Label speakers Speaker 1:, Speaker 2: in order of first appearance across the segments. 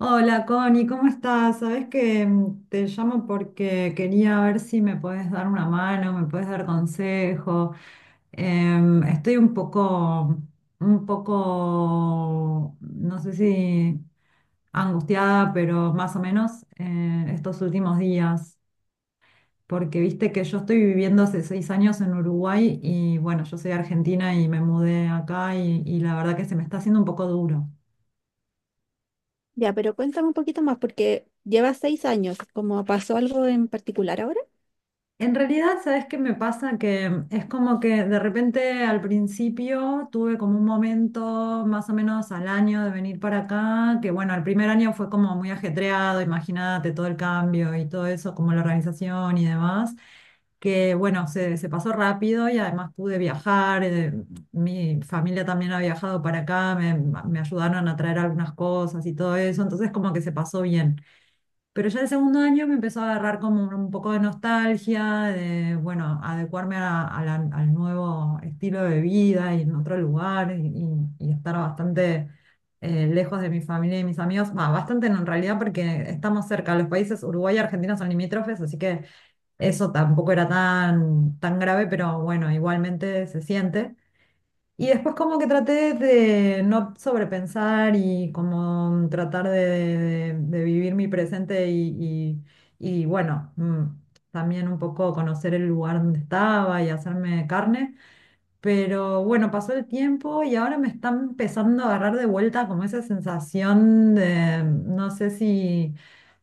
Speaker 1: Hola Connie, ¿cómo estás? Sabes que te llamo porque quería ver si me puedes dar una mano, me puedes dar consejo. Estoy un poco, no sé si angustiada, pero más o menos estos últimos días, porque viste que yo estoy viviendo hace 6 años en Uruguay y bueno, yo soy argentina y me mudé acá y la verdad que se me está haciendo un poco duro.
Speaker 2: Ya, pero cuéntame un poquito más, porque llevas 6 años, como pasó algo en particular ahora.
Speaker 1: En realidad, ¿sabes qué me pasa? Que es como que de repente al principio tuve como un momento más o menos al año de venir para acá, que bueno, el primer año fue como muy ajetreado, imagínate todo el cambio y todo eso, como la organización y demás, que bueno, se pasó rápido y además pude viajar, mi familia también ha viajado para acá, me ayudaron a traer algunas cosas y todo eso, entonces como que se pasó bien. Pero ya el segundo año me empezó a agarrar como un poco de nostalgia, de, bueno, adecuarme al nuevo estilo de vida y en otro lugar y estar bastante lejos de mi familia y mis amigos. Va, bastante no, en realidad porque estamos cerca, los países Uruguay y Argentina son limítrofes, así que eso tampoco era tan, tan grave, pero bueno, igualmente se siente. Y después como que traté de no sobrepensar y como tratar de vivir mi presente y bueno, también un poco conocer el lugar donde estaba y hacerme carne. Pero bueno, pasó el tiempo y ahora me está empezando a agarrar de vuelta como esa sensación de, no sé si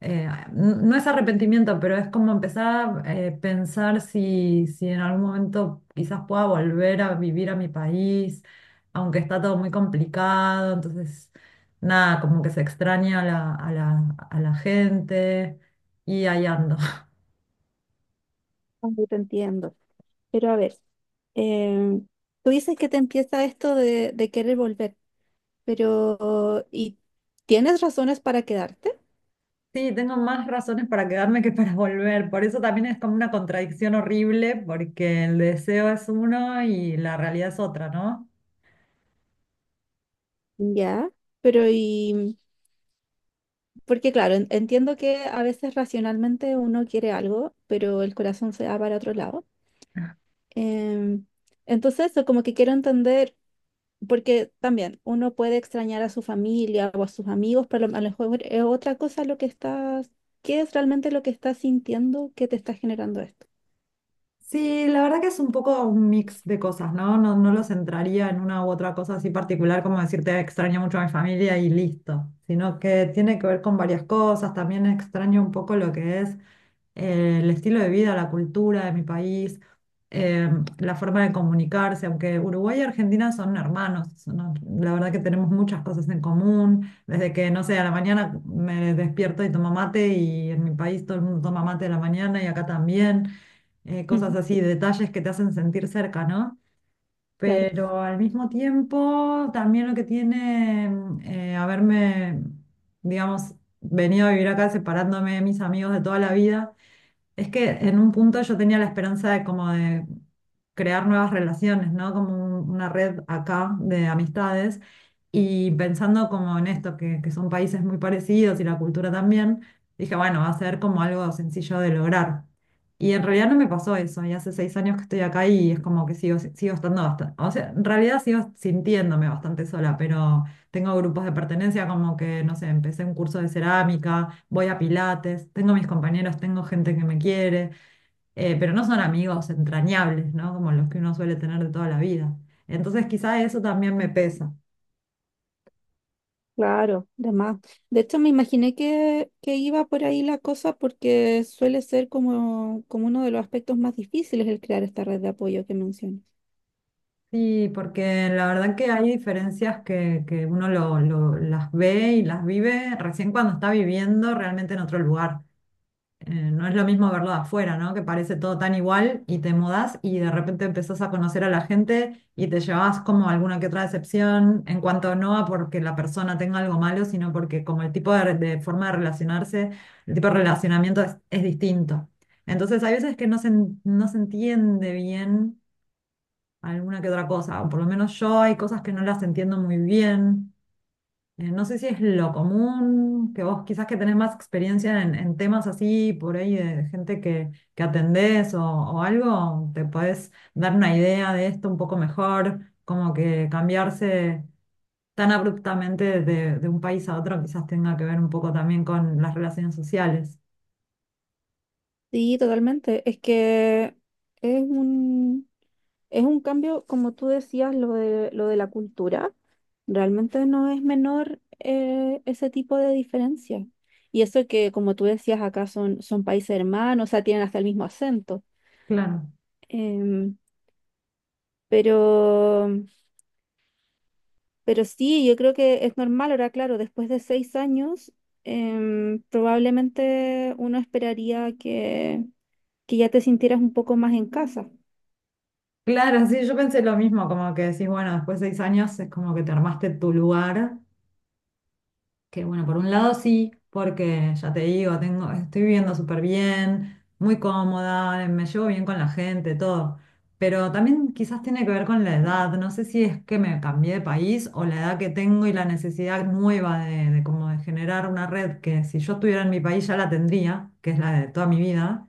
Speaker 1: eh, no es arrepentimiento, pero es como empezar a pensar si en algún momento quizás pueda volver a vivir a mi país, aunque está todo muy complicado, entonces nada, como que se extraña a la gente y ahí ando.
Speaker 2: Aunque te entiendo. Pero a ver, eh, tú dices que te empieza esto de querer volver, pero ¿y tienes razones para quedarte?
Speaker 1: Sí, tengo más razones para quedarme que para volver, por eso también es como una contradicción horrible, porque el deseo es uno y la realidad es otra, ¿no?
Speaker 2: Ya, pero ¿y, porque claro, entiendo que a veces racionalmente uno quiere algo, pero el corazón se va para otro lado. Em, entonces, eso como que quiero entender, porque también uno puede extrañar a su familia o a sus amigos, pero a lo mejor es otra cosa lo que estás, ¿qué es realmente lo que estás sintiendo que te está generando esto?
Speaker 1: Sí, la verdad que es un poco un mix de cosas, ¿no? No, no lo centraría en una u otra cosa así particular, como decirte extraño mucho a mi familia y listo, sino que tiene que ver con varias cosas, también extraño un poco lo que es el estilo de vida, la cultura de mi país, eh, la forma de comunicarse, aunque Uruguay y Argentina son hermanos, no, la verdad que tenemos muchas cosas en común, desde que, no sé, a la mañana me despierto y tomo mate y en mi país todo el mundo toma mate a la mañana y acá también
Speaker 2: Ujú.
Speaker 1: cosas así, detalles que te hacen sentir cerca, ¿no?
Speaker 2: Claro,
Speaker 1: Pero al mismo tiempo, también lo que tiene haberme, digamos, venido a vivir acá separándome de mis amigos de toda la vida, es que en un punto yo tenía la esperanza de como de crear nuevas relaciones, ¿no? Como una red acá de amistades y pensando como en esto, que son países muy parecidos y la cultura también, dije, bueno, va a ser como algo sencillo de lograr. Y en realidad no me pasó eso, y hace 6 años que estoy acá y es como que sigo, sigo estando bastante, o sea, en realidad sigo sintiéndome bastante sola, pero tengo grupos de pertenencia, como que, no sé, empecé un curso de cerámica, voy a pilates, tengo mis compañeros, tengo gente que me quiere, pero no son amigos entrañables, ¿no? Como los que uno suele tener de toda la vida. Entonces quizá eso también me pesa.
Speaker 2: claro, de más. De hecho, me imaginé que iba por ahí la cosa porque suele ser como, como uno de los aspectos más difíciles el crear esta red de apoyo que mencionas.
Speaker 1: Sí, porque la verdad que hay diferencias que uno las ve y las vive recién cuando está viviendo realmente en otro lugar. No es lo mismo verlo de afuera, ¿no? Que parece todo tan igual y te mudás y de repente empezás a conocer a la gente y te llevas como alguna que otra decepción, en cuanto no a porque la persona tenga algo malo, sino porque como el tipo de forma de relacionarse, el tipo de relacionamiento es distinto. Entonces hay veces que no se entiende bien alguna que otra cosa, o por lo menos yo hay cosas que no las entiendo muy bien. No sé si es lo común, que vos quizás que tenés más experiencia en temas así, por ahí de gente que atendés o algo, te podés dar una idea de esto un poco mejor, como que cambiarse tan abruptamente de un país a otro quizás tenga que ver un poco también con las relaciones sociales.
Speaker 2: Sí, totalmente. Es que es un, es un cambio, como tú decías, lo de la cultura. Realmente no es menor ese tipo de diferencia. Y eso que, como tú decías, acá son, son países hermanos, o sea, tienen hasta el mismo acento.
Speaker 1: Claro.
Speaker 2: Em, pero, pero sí, yo creo que es normal. Ahora, claro, después de 6 años, probablemente uno esperaría que ya te sintieras un poco más en casa.
Speaker 1: Claro, sí, yo pensé lo mismo, como que decís, bueno, después de 6 años es como que te armaste tu lugar. Que bueno, por un lado sí, porque ya te digo, tengo, estoy viviendo súper bien, muy cómoda, me llevo bien con la gente, todo. Pero también quizás tiene que ver con la edad. No sé si es que me cambié de país o la edad que tengo y la necesidad nueva de como de generar una red que si yo estuviera en mi país ya la tendría, que es la de toda mi vida.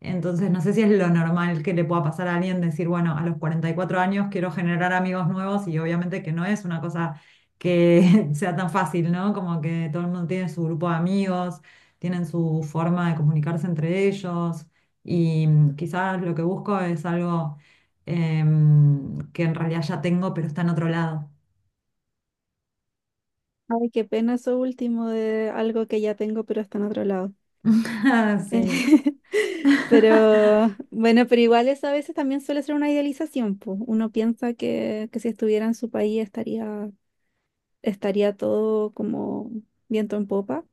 Speaker 1: Entonces, no sé si es lo normal que le pueda pasar a alguien decir, bueno, a los 44 años quiero generar amigos nuevos y obviamente que no es una cosa que sea tan fácil, ¿no? Como que todo el mundo tiene su grupo de amigos, tienen su forma de comunicarse entre ellos y quizás lo que busco es algo que en realidad ya tengo, pero está en otro lado.
Speaker 2: Ay, qué pena eso último de algo que ya tengo, pero está en otro lado.
Speaker 1: Sí,
Speaker 2: Pero bueno, pero igual eso a veces también suele ser una idealización, pues. Uno piensa que si estuviera en su país estaría, estaría todo como viento en popa.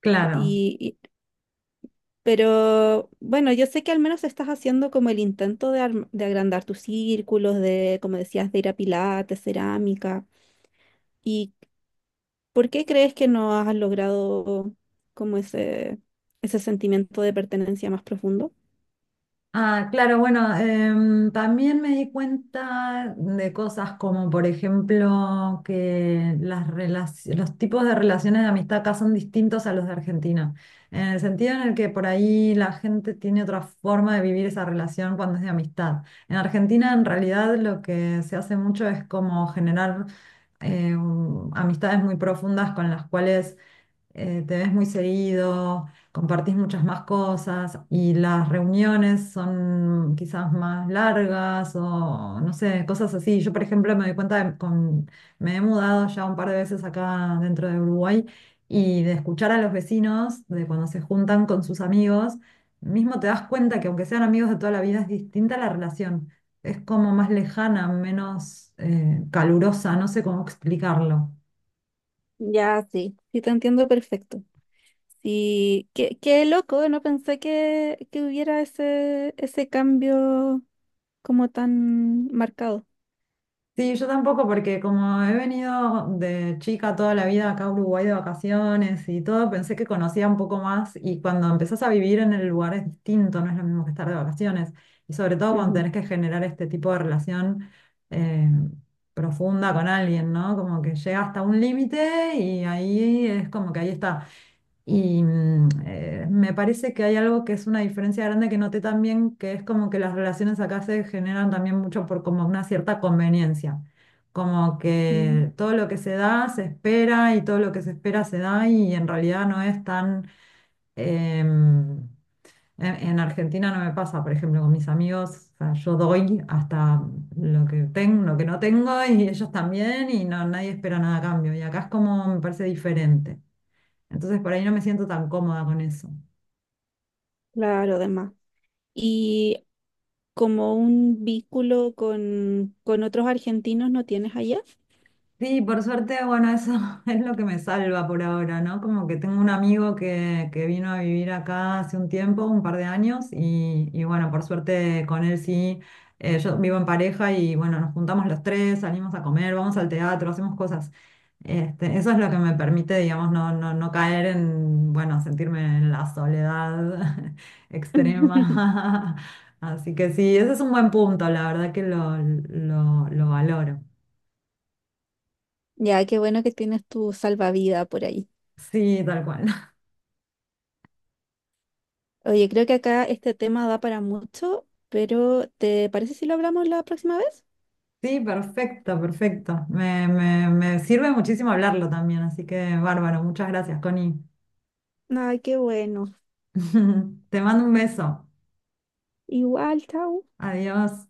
Speaker 1: claro.
Speaker 2: Y, y- pero bueno, yo sé que al menos estás haciendo como el intento de, de agrandar tus círculos, de, como decías, de ir a pilates, cerámica. ¿Y por qué crees que no has logrado como ese sentimiento de pertenencia más profundo?
Speaker 1: Ah, claro, bueno, también me di cuenta de cosas como, por ejemplo, que los tipos de relaciones de amistad acá son distintos a los de Argentina, en el sentido en el que por ahí la gente tiene otra forma de vivir esa relación cuando es de amistad. En Argentina, en realidad, lo que se hace mucho es como generar amistades muy profundas con las cuales te ves muy seguido, compartís muchas más cosas y las reuniones son quizás más largas o no sé, cosas así. Yo, por ejemplo, me doy cuenta me he mudado ya un par de veces acá dentro de Uruguay y de escuchar a los vecinos, de cuando se juntan con sus amigos, mismo te das cuenta que aunque sean amigos de toda la vida, es distinta la relación. Es como más lejana, menos calurosa, no sé cómo explicarlo.
Speaker 2: Ya, sí. Sí, te entiendo perfecto. Sí, qué, qué loco, no pensé que hubiera ese, ese cambio como tan marcado.
Speaker 1: Sí, yo tampoco, porque como he venido de chica toda la vida acá a Uruguay de vacaciones y todo, pensé que conocía un poco más y cuando empezás a vivir en el lugar es distinto, no es lo mismo que estar de vacaciones. Y sobre todo cuando
Speaker 2: Ujú.
Speaker 1: tenés que generar este tipo de relación eh, profunda con alguien, ¿no? Como que llega hasta un límite y ahí es como que ahí está. Y me parece que hay algo que es una diferencia grande que noté también, que es como que las relaciones acá se generan también mucho por como una cierta conveniencia, como
Speaker 2: Mm.
Speaker 1: que todo lo que se da se espera y todo lo que se espera se da y en realidad no es tan... em, en Argentina no me pasa, por ejemplo, con mis amigos, o sea, yo doy hasta lo que tengo, lo que no tengo y ellos también y no, nadie espera nada a cambio. Y acá es como, me parece diferente. Entonces por ahí no me siento tan cómoda con eso.
Speaker 2: Claro, demás. Y como un vínculo con otros argentinos no tienes allá.
Speaker 1: Sí, por suerte, bueno, eso es lo que me salva por ahora, ¿no? Como que tengo un amigo que vino a vivir acá hace un tiempo, un par de años, y bueno, por suerte con él sí, yo vivo en pareja y bueno, nos juntamos los tres, salimos a comer, vamos al teatro, hacemos cosas. Este, eso es lo que me permite, digamos, no caer en, bueno, sentirme en la soledad extrema. Así que sí, ese es un buen punto, la verdad que lo valoro.
Speaker 2: Ya, qué bueno que tienes tu salvavidas por ahí.
Speaker 1: Sí, tal cual.
Speaker 2: Oye, creo que acá este tema da para mucho, pero ¿te parece si lo hablamos la próxima vez?
Speaker 1: Sí, perfecto, perfecto. Me sirve muchísimo hablarlo también, así que bárbaro. Muchas gracias, Connie.
Speaker 2: Ay, qué bueno.
Speaker 1: Te mando un beso.
Speaker 2: Igual, chao.
Speaker 1: Adiós.